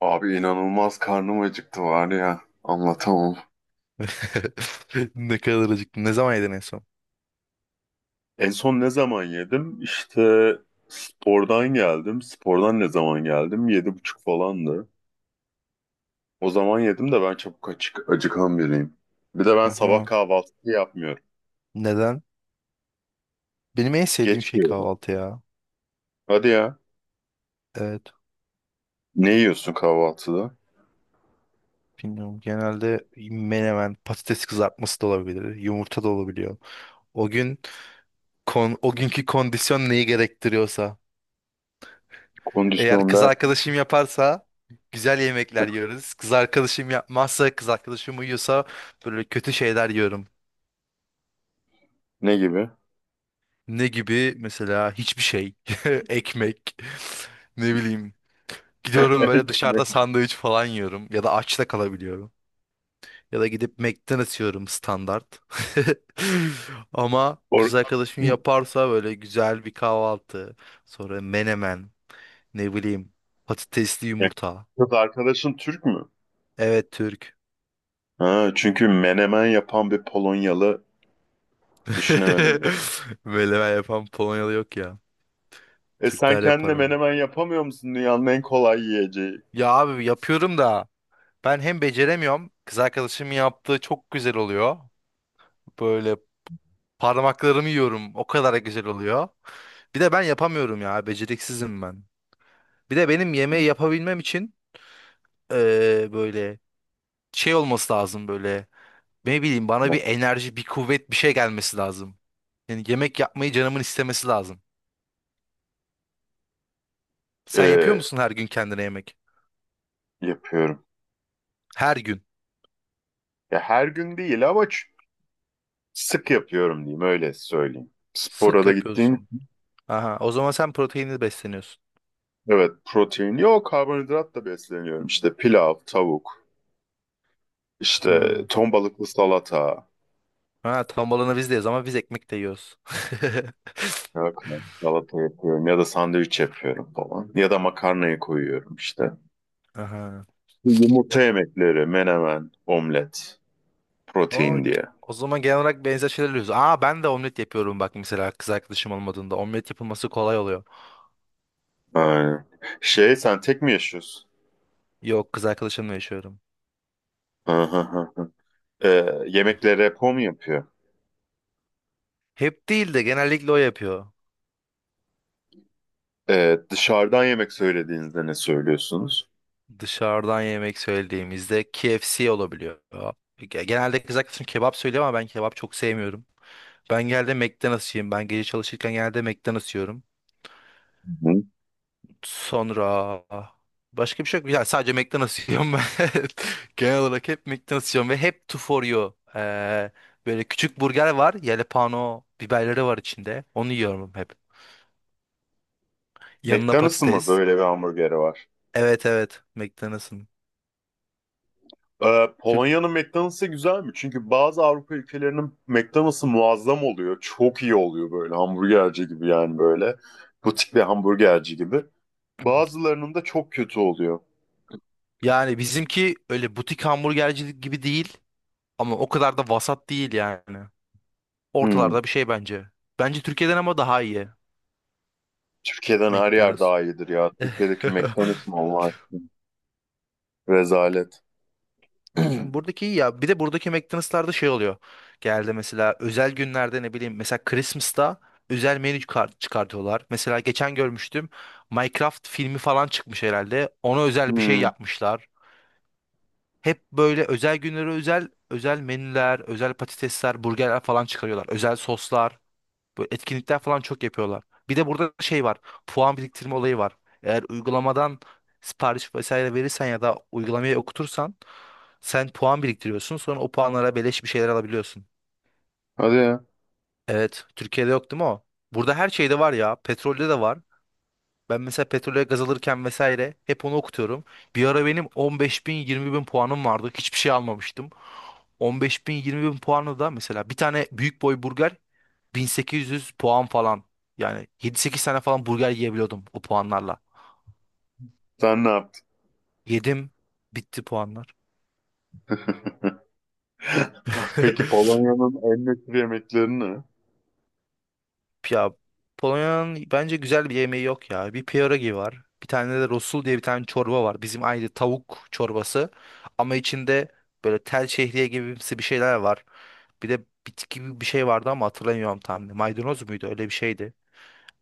Abi inanılmaz karnım acıktı var ya. Anlatamam. Ne kadar acıktım. Ne zaman yedin en son? En son ne zaman yedim? İşte spordan geldim. Spordan ne zaman geldim? Yedi buçuk falandı. O zaman yedim de ben çabuk açık, acıkan biriyim. Bir de ben sabah Aha. kahvaltı yapmıyorum. Neden? Benim en sevdiğim Geç şey yiyorum. kahvaltı ya. Hadi ya. Evet. Ne yiyorsun kahvaltıda? Bilmiyorum. Genelde menemen, patates kızartması da olabilir. Yumurta da olabiliyor. O gün o günkü kondisyon neyi gerektiriyorsa. Eğer Kondisyon kız derken arkadaşım yaparsa güzel yemekler yiyoruz. Kız arkadaşım yapmazsa, kız arkadaşım uyuyorsa böyle kötü şeyler yiyorum. ne gibi? Ne gibi? Mesela hiçbir şey. Ekmek. Ne bileyim. Gidiyorum böyle dışarıda sandviç falan yiyorum. Ya da aç da kalabiliyorum. Ya da gidip McDonald's yiyorum standart. Ama Or- kız arkadaşım yaparsa böyle güzel bir kahvaltı. Sonra menemen. Ne bileyim. Patatesli yumurta. Kız arkadaşın Türk mü? Evet Türk. Ha, çünkü menemen yapan bir Polonyalı düşünemedim. Menemen yapan Polonyalı yok ya. E sen Türkler yapar kendine onu. menemen yapamıyor musun? Dünyanın en kolay yiyeceği. Ya abi yapıyorum da ben hem beceremiyorum. Kız arkadaşımın yaptığı çok güzel oluyor. Böyle parmaklarımı yiyorum. O kadar güzel oluyor. Bir de ben yapamıyorum ya. Beceriksizim ben. Bir de benim yemeği yapabilmem için böyle şey olması lazım böyle. Ne bileyim bana bir enerji, bir kuvvet, bir şey gelmesi lazım. Yani yemek yapmayı canımın istemesi lazım. Sen yapıyor E, musun her gün kendine yemek? yapıyorum. Her gün. Ya her gün değil ama sık yapıyorum diyeyim, öyle söyleyeyim. Spora Sık da gittiğim, yapıyorsun. Aha, o zaman sen proteinli besleniyorsun. evet, protein yok, karbonhidratla besleniyorum. İşte pilav, tavuk, işte Hı. ton balıklı salata. Ha, tam olanı bizdeyiz ama biz ekmek de yiyoruz. Ya, salata yapıyorum ya da sandviç yapıyorum falan. Ya da makarnayı koyuyorum işte. Aha. Yumurta yemekleri, menemen, omlet, O, protein diye. o zaman genel olarak benzer şeyler yapıyoruz. Aa ben de omlet yapıyorum bak mesela kız arkadaşım olmadığında. Omlet yapılması kolay oluyor. Aynen. Şey, sen tek mi yaşıyorsun? Yok kız arkadaşımla yaşıyorum. Aha, aha. Ee, yemeklere repo mu yapıyor? Hep değil de genellikle o yapıyor. Dışarıdan yemek söylediğinizde ne söylüyorsunuz? Dışarıdan yemek söylediğimizde KFC olabiliyor. Genelde kız arkadaşım kebap söylüyor ama ben kebap çok sevmiyorum. Ben geldi McDonald's yiyeyim. Ben gece çalışırken geldi McDonald's yiyorum. Hı. Sonra başka bir şey yok. Yani sadece McDonald's yiyorum ben. Genel olarak hep McDonald's yiyorum ve hep two for you. Böyle küçük burger var. Jalapeno biberleri var içinde. Onu yiyorum hep. Yanına McDonald's'ın mı patates. böyle bir hamburgeri var? Evet evet McDonald's'ın. Tür- Polonya'nın McDonald's'ı güzel mi? Çünkü bazı Avrupa ülkelerinin McDonald's'ı muazzam oluyor. Çok iyi oluyor, böyle hamburgerci gibi yani böyle. Butik bir hamburgerci gibi. Bazılarının da çok kötü oluyor. Yani bizimki öyle butik hamburgercilik gibi değil. Ama o kadar da vasat değil yani. Hmm. Ortalarda bir şey bence. Bence Türkiye'den ama daha iyi. Türkiye'den her yer McDonald's. daha iyidir ya. Türkiye'deki McDonald's mı Allah aşkına? Rezalet. Yani buradaki iyi ya bir de buradaki McDonald's'larda şey oluyor. Genelde mesela özel günlerde ne bileyim mesela Christmas'ta özel menü kart çıkartıyorlar. Mesela geçen görmüştüm Minecraft filmi falan çıkmış herhalde. Ona özel bir şey Hmm. yapmışlar. Hep böyle özel günlere özel özel menüler, özel patatesler, burgerler falan çıkarıyorlar. Özel soslar. Böyle etkinlikler falan çok yapıyorlar. Bir de burada şey var. Puan biriktirme olayı var. Eğer uygulamadan sipariş vesaire verirsen ya da uygulamayı okutursan sen puan biriktiriyorsun. Sonra o puanlara beleş bir şeyler alabiliyorsun. Hadi ya. Evet, Türkiye'de yok değil mi o? Burada her şeyde var ya. Petrolde de var. Ben mesela petrole gaz alırken vesaire hep onu okutuyorum. Bir ara benim 15 bin 20 bin puanım vardı. Hiçbir şey almamıştım. 15 bin 20 bin puanı da mesela bir tane büyük boy burger 1800 puan falan. Yani 7-8 tane falan burger yiyebiliyordum o puanlarla. Sen ne yaptın? Yedim. Bitti puanlar. Peki Polonya'nın en meşhur yemekleri ne? Ya Polonya'nın bence güzel bir yemeği yok ya. Bir pierogi var. Bir tane de rosul diye bir tane çorba var. Bizim aynı tavuk çorbası. Ama içinde böyle tel şehriye gibimsi bir şeyler var. Bir de bitki gibi bir şey vardı ama hatırlamıyorum tam. Maydanoz muydu? Öyle bir şeydi.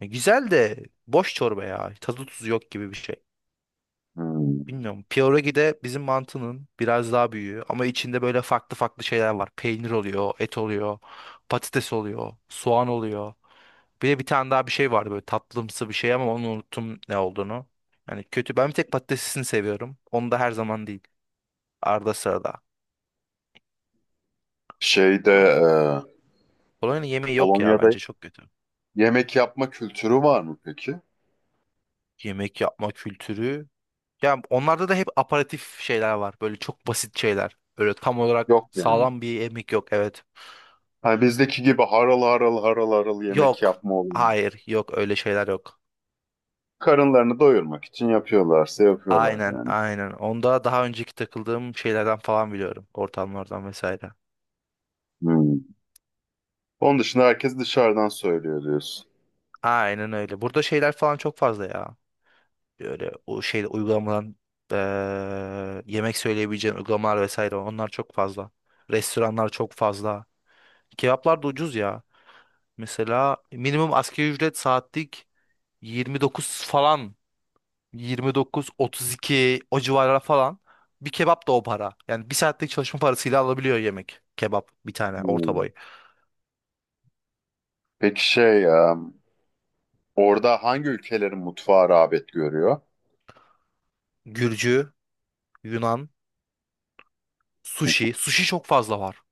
E, güzel de boş çorba ya. Tadı tuzu yok gibi bir şey. Hmm. Bilmiyorum. Pierogi de bizim mantının biraz daha büyüğü ama içinde böyle farklı farklı şeyler var. Peynir oluyor, et oluyor, patates oluyor, soğan oluyor. Bir de bir tane daha bir şey vardı böyle tatlımsı bir şey ama onu unuttum ne olduğunu. Yani kötü. Ben bir tek patatesini seviyorum. Onu da her zaman değil. Arada sırada. Şeyde Polonya'nın e, Polonya'nın yemeği yok ya Polonya'da bence çok kötü. yemek yapma kültürü var mı peki? Yemek yapma kültürü. Ya onlarda da hep aparatif şeyler var. Böyle çok basit şeyler. Böyle tam olarak Yok yani. sağlam bir yemek yok. Evet. Ha, bizdeki gibi haral haral haral haral yemek Yok. yapma olayı. Hayır. Yok öyle şeyler yok. Karınlarını doyurmak için yapıyorlarsa yapıyorlar Aynen yani. aynen. Onda daha önceki takıldığım şeylerden falan biliyorum. Ortamlardan vesaire. Hmm. Onun dışında herkes dışarıdan söylüyor diyorsun. Aynen öyle. Burada şeyler falan çok fazla ya. Böyle o şey uygulamadan yemek söyleyebileceğin uygulamalar vesaire onlar çok fazla. Restoranlar çok fazla. Kebaplar da ucuz ya. Mesela minimum asgari ücret saatlik 29 falan. Yirmi dokuz, otuz iki o civarlara falan. Bir kebap da o para. Yani bir saatlik çalışma parasıyla alabiliyor yemek. Kebap bir tane orta Hmm. boy. Peki, orada hangi ülkelerin mutfağı rağbet görüyor? Gürcü, Yunan, sushi. Sushi çok fazla var.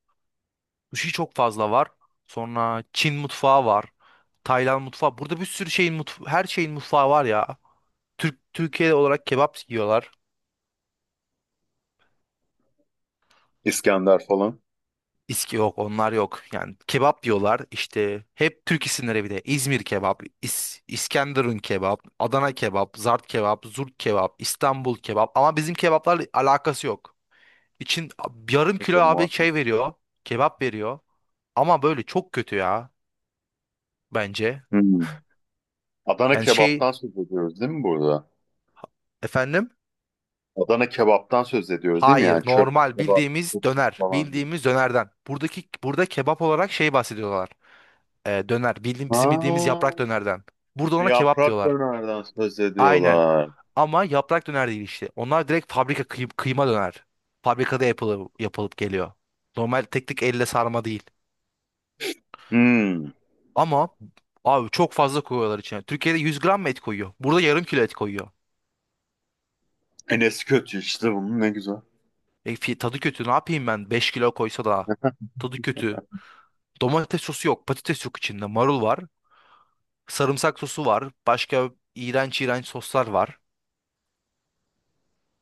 Sushi çok fazla var. Sonra Çin mutfağı var. Tayland mutfağı. Burada bir sürü şeyin mutfağı, her şeyin mutfağı var ya. Türk Türkiye olarak kebap yiyorlar. İskender falan. İski yok onlar yok. Yani kebap yiyorlar işte hep Türk isimleri bir de İzmir kebap, İskenderun kebap, Adana kebap, Zart kebap, Zurt kebap, İstanbul kebap ama bizim kebaplarla alakası yok. İçin yarım kilo Tabii, abi muhakkak. şey veriyor kebap veriyor ama böyle çok kötü ya bence. Hmm. Adana Yani şey kebaptan söz ediyoruz değil mi burada? efendim Adana kebaptan söz ediyoruz değil mi? hayır Yani çöp normal kebap bildiğimiz döner falan. bildiğimiz dönerden. Buradaki burada kebap olarak şey bahsediyorlar. Döner bildiğim, Ha, bizim bildiğimiz yaprak dönerden. Burada ona kebap yaprak diyorlar. dönerden söz Aynen. ediyorlar. Ama yaprak döner değil işte. Onlar direkt fabrika kıyma döner. Fabrikada yapılıp geliyor. Normal tek tek elle sarma değil. Hmm. Ama abi çok fazla koyuyorlar içine. Türkiye'de 100 gram mı et koyuyor? Burada yarım kilo et koyuyor. Enes kötü işte, bunun ne güzel. E, tadı kötü. Ne yapayım ben? 5 kilo koysa da. Tadı kötü. Domates sosu yok. Patates yok içinde. Marul var. Sarımsak sosu var. Başka iğrenç iğrenç soslar var.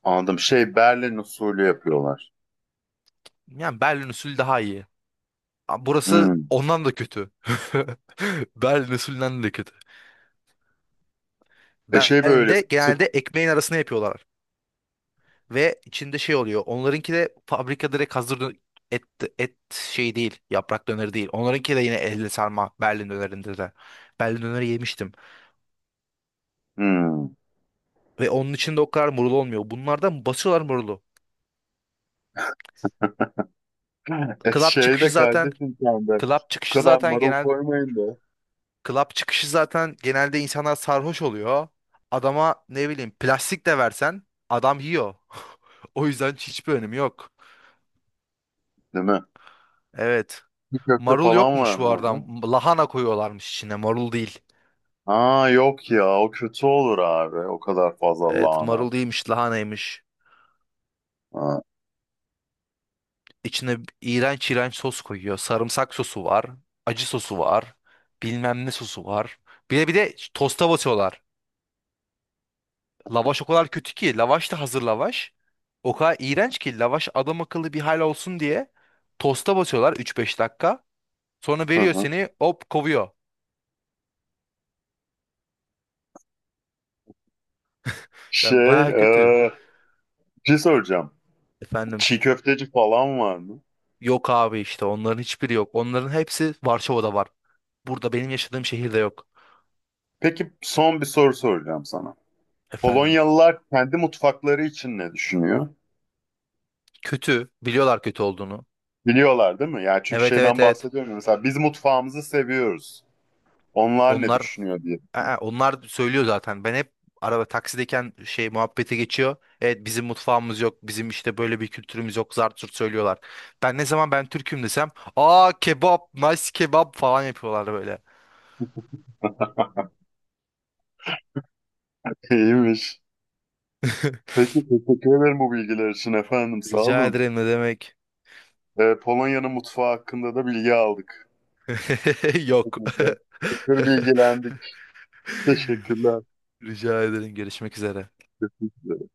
Anladım. Şey, Berlin usulü yapıyorlar. Yani Berlin usulü daha iyi. Ama burası Hmm. ondan da kötü. Berlin usulünden de kötü. E şey böyle Berlin'de sık. genelde ekmeğin arasına yapıyorlar. Ve içinde şey oluyor. Onlarınki de fabrika direkt hazır et, şey değil. Yaprak döneri değil. Onlarınki de yine elle sarma Berlin dönerinde de. Berlin döneri yemiştim. Hmm. Ve onun içinde o kadar marul olmuyor. Bunlardan basıyorlar marulu. E Club şey çıkışı de zaten kardeşim sen de. club Bu çıkışı kadar zaten marul genel koymayın da. club çıkışı zaten genelde insanlar sarhoş oluyor. Adama ne bileyim plastik de versen adam yiyor. O yüzden hiçbir önemi yok. Değil mi? Evet. Bir köfte Marul falan yokmuş var bu mı arada. orada? Lahana koyuyorlarmış içine. Marul değil. Aa yok ya, o kötü olur abi. O kadar fazla Evet, lahana. marul değilmiş, lahanaymış. Ha. İçine iğrenç iğrenç sos koyuyor. Sarımsak sosu var. Acı sosu var. Bilmem ne sosu var. Bir de tosta batıyorlar. Lavaş o kadar kötü ki. Lavaş da hazır lavaş. O kadar iğrenç ki lavaş adam akıllı bir hal olsun diye tosta batıyorlar üç beş dakika. Sonra Hı veriyor hı. seni hop kovuyor. Yani Şey, baya e, kötü. bir şey soracağım. Efendim. Çiğ köfteci falan var mı? Yok abi işte onların hiçbiri yok. Onların hepsi Varşova'da var. Burada benim yaşadığım şehirde yok. Peki son bir soru soracağım sana. Efendim. Polonyalılar kendi mutfakları için ne düşünüyor? Kötü. Biliyorlar kötü olduğunu. Biliyorlar değil mi? Yani çünkü Evet evet şeyden evet. bahsediyorum. Ya, mesela biz mutfağımızı seviyoruz. Onlar ne Onlar düşünüyor diye. Aa, onlar söylüyor zaten. Ben hep araba taksideyken şey muhabbete geçiyor. Evet bizim mutfağımız yok. Bizim işte böyle bir kültürümüz yok. Zart zurt söylüyorlar. Ben ne zaman ben Türk'üm desem, "Aa kebap, nice kebap" falan yapıyorlar böyle. İyiymiş. Peki, teşekkür ederim bu bilgiler için efendim. Sağ Rica olun. ederim ne demek? Polonya'nın mutfağı hakkında da bilgi aldık. Çok Yok. güzel. Çok bilgilendik. Teşekkürler. Rica ederim görüşmek üzere. Teşekkürler.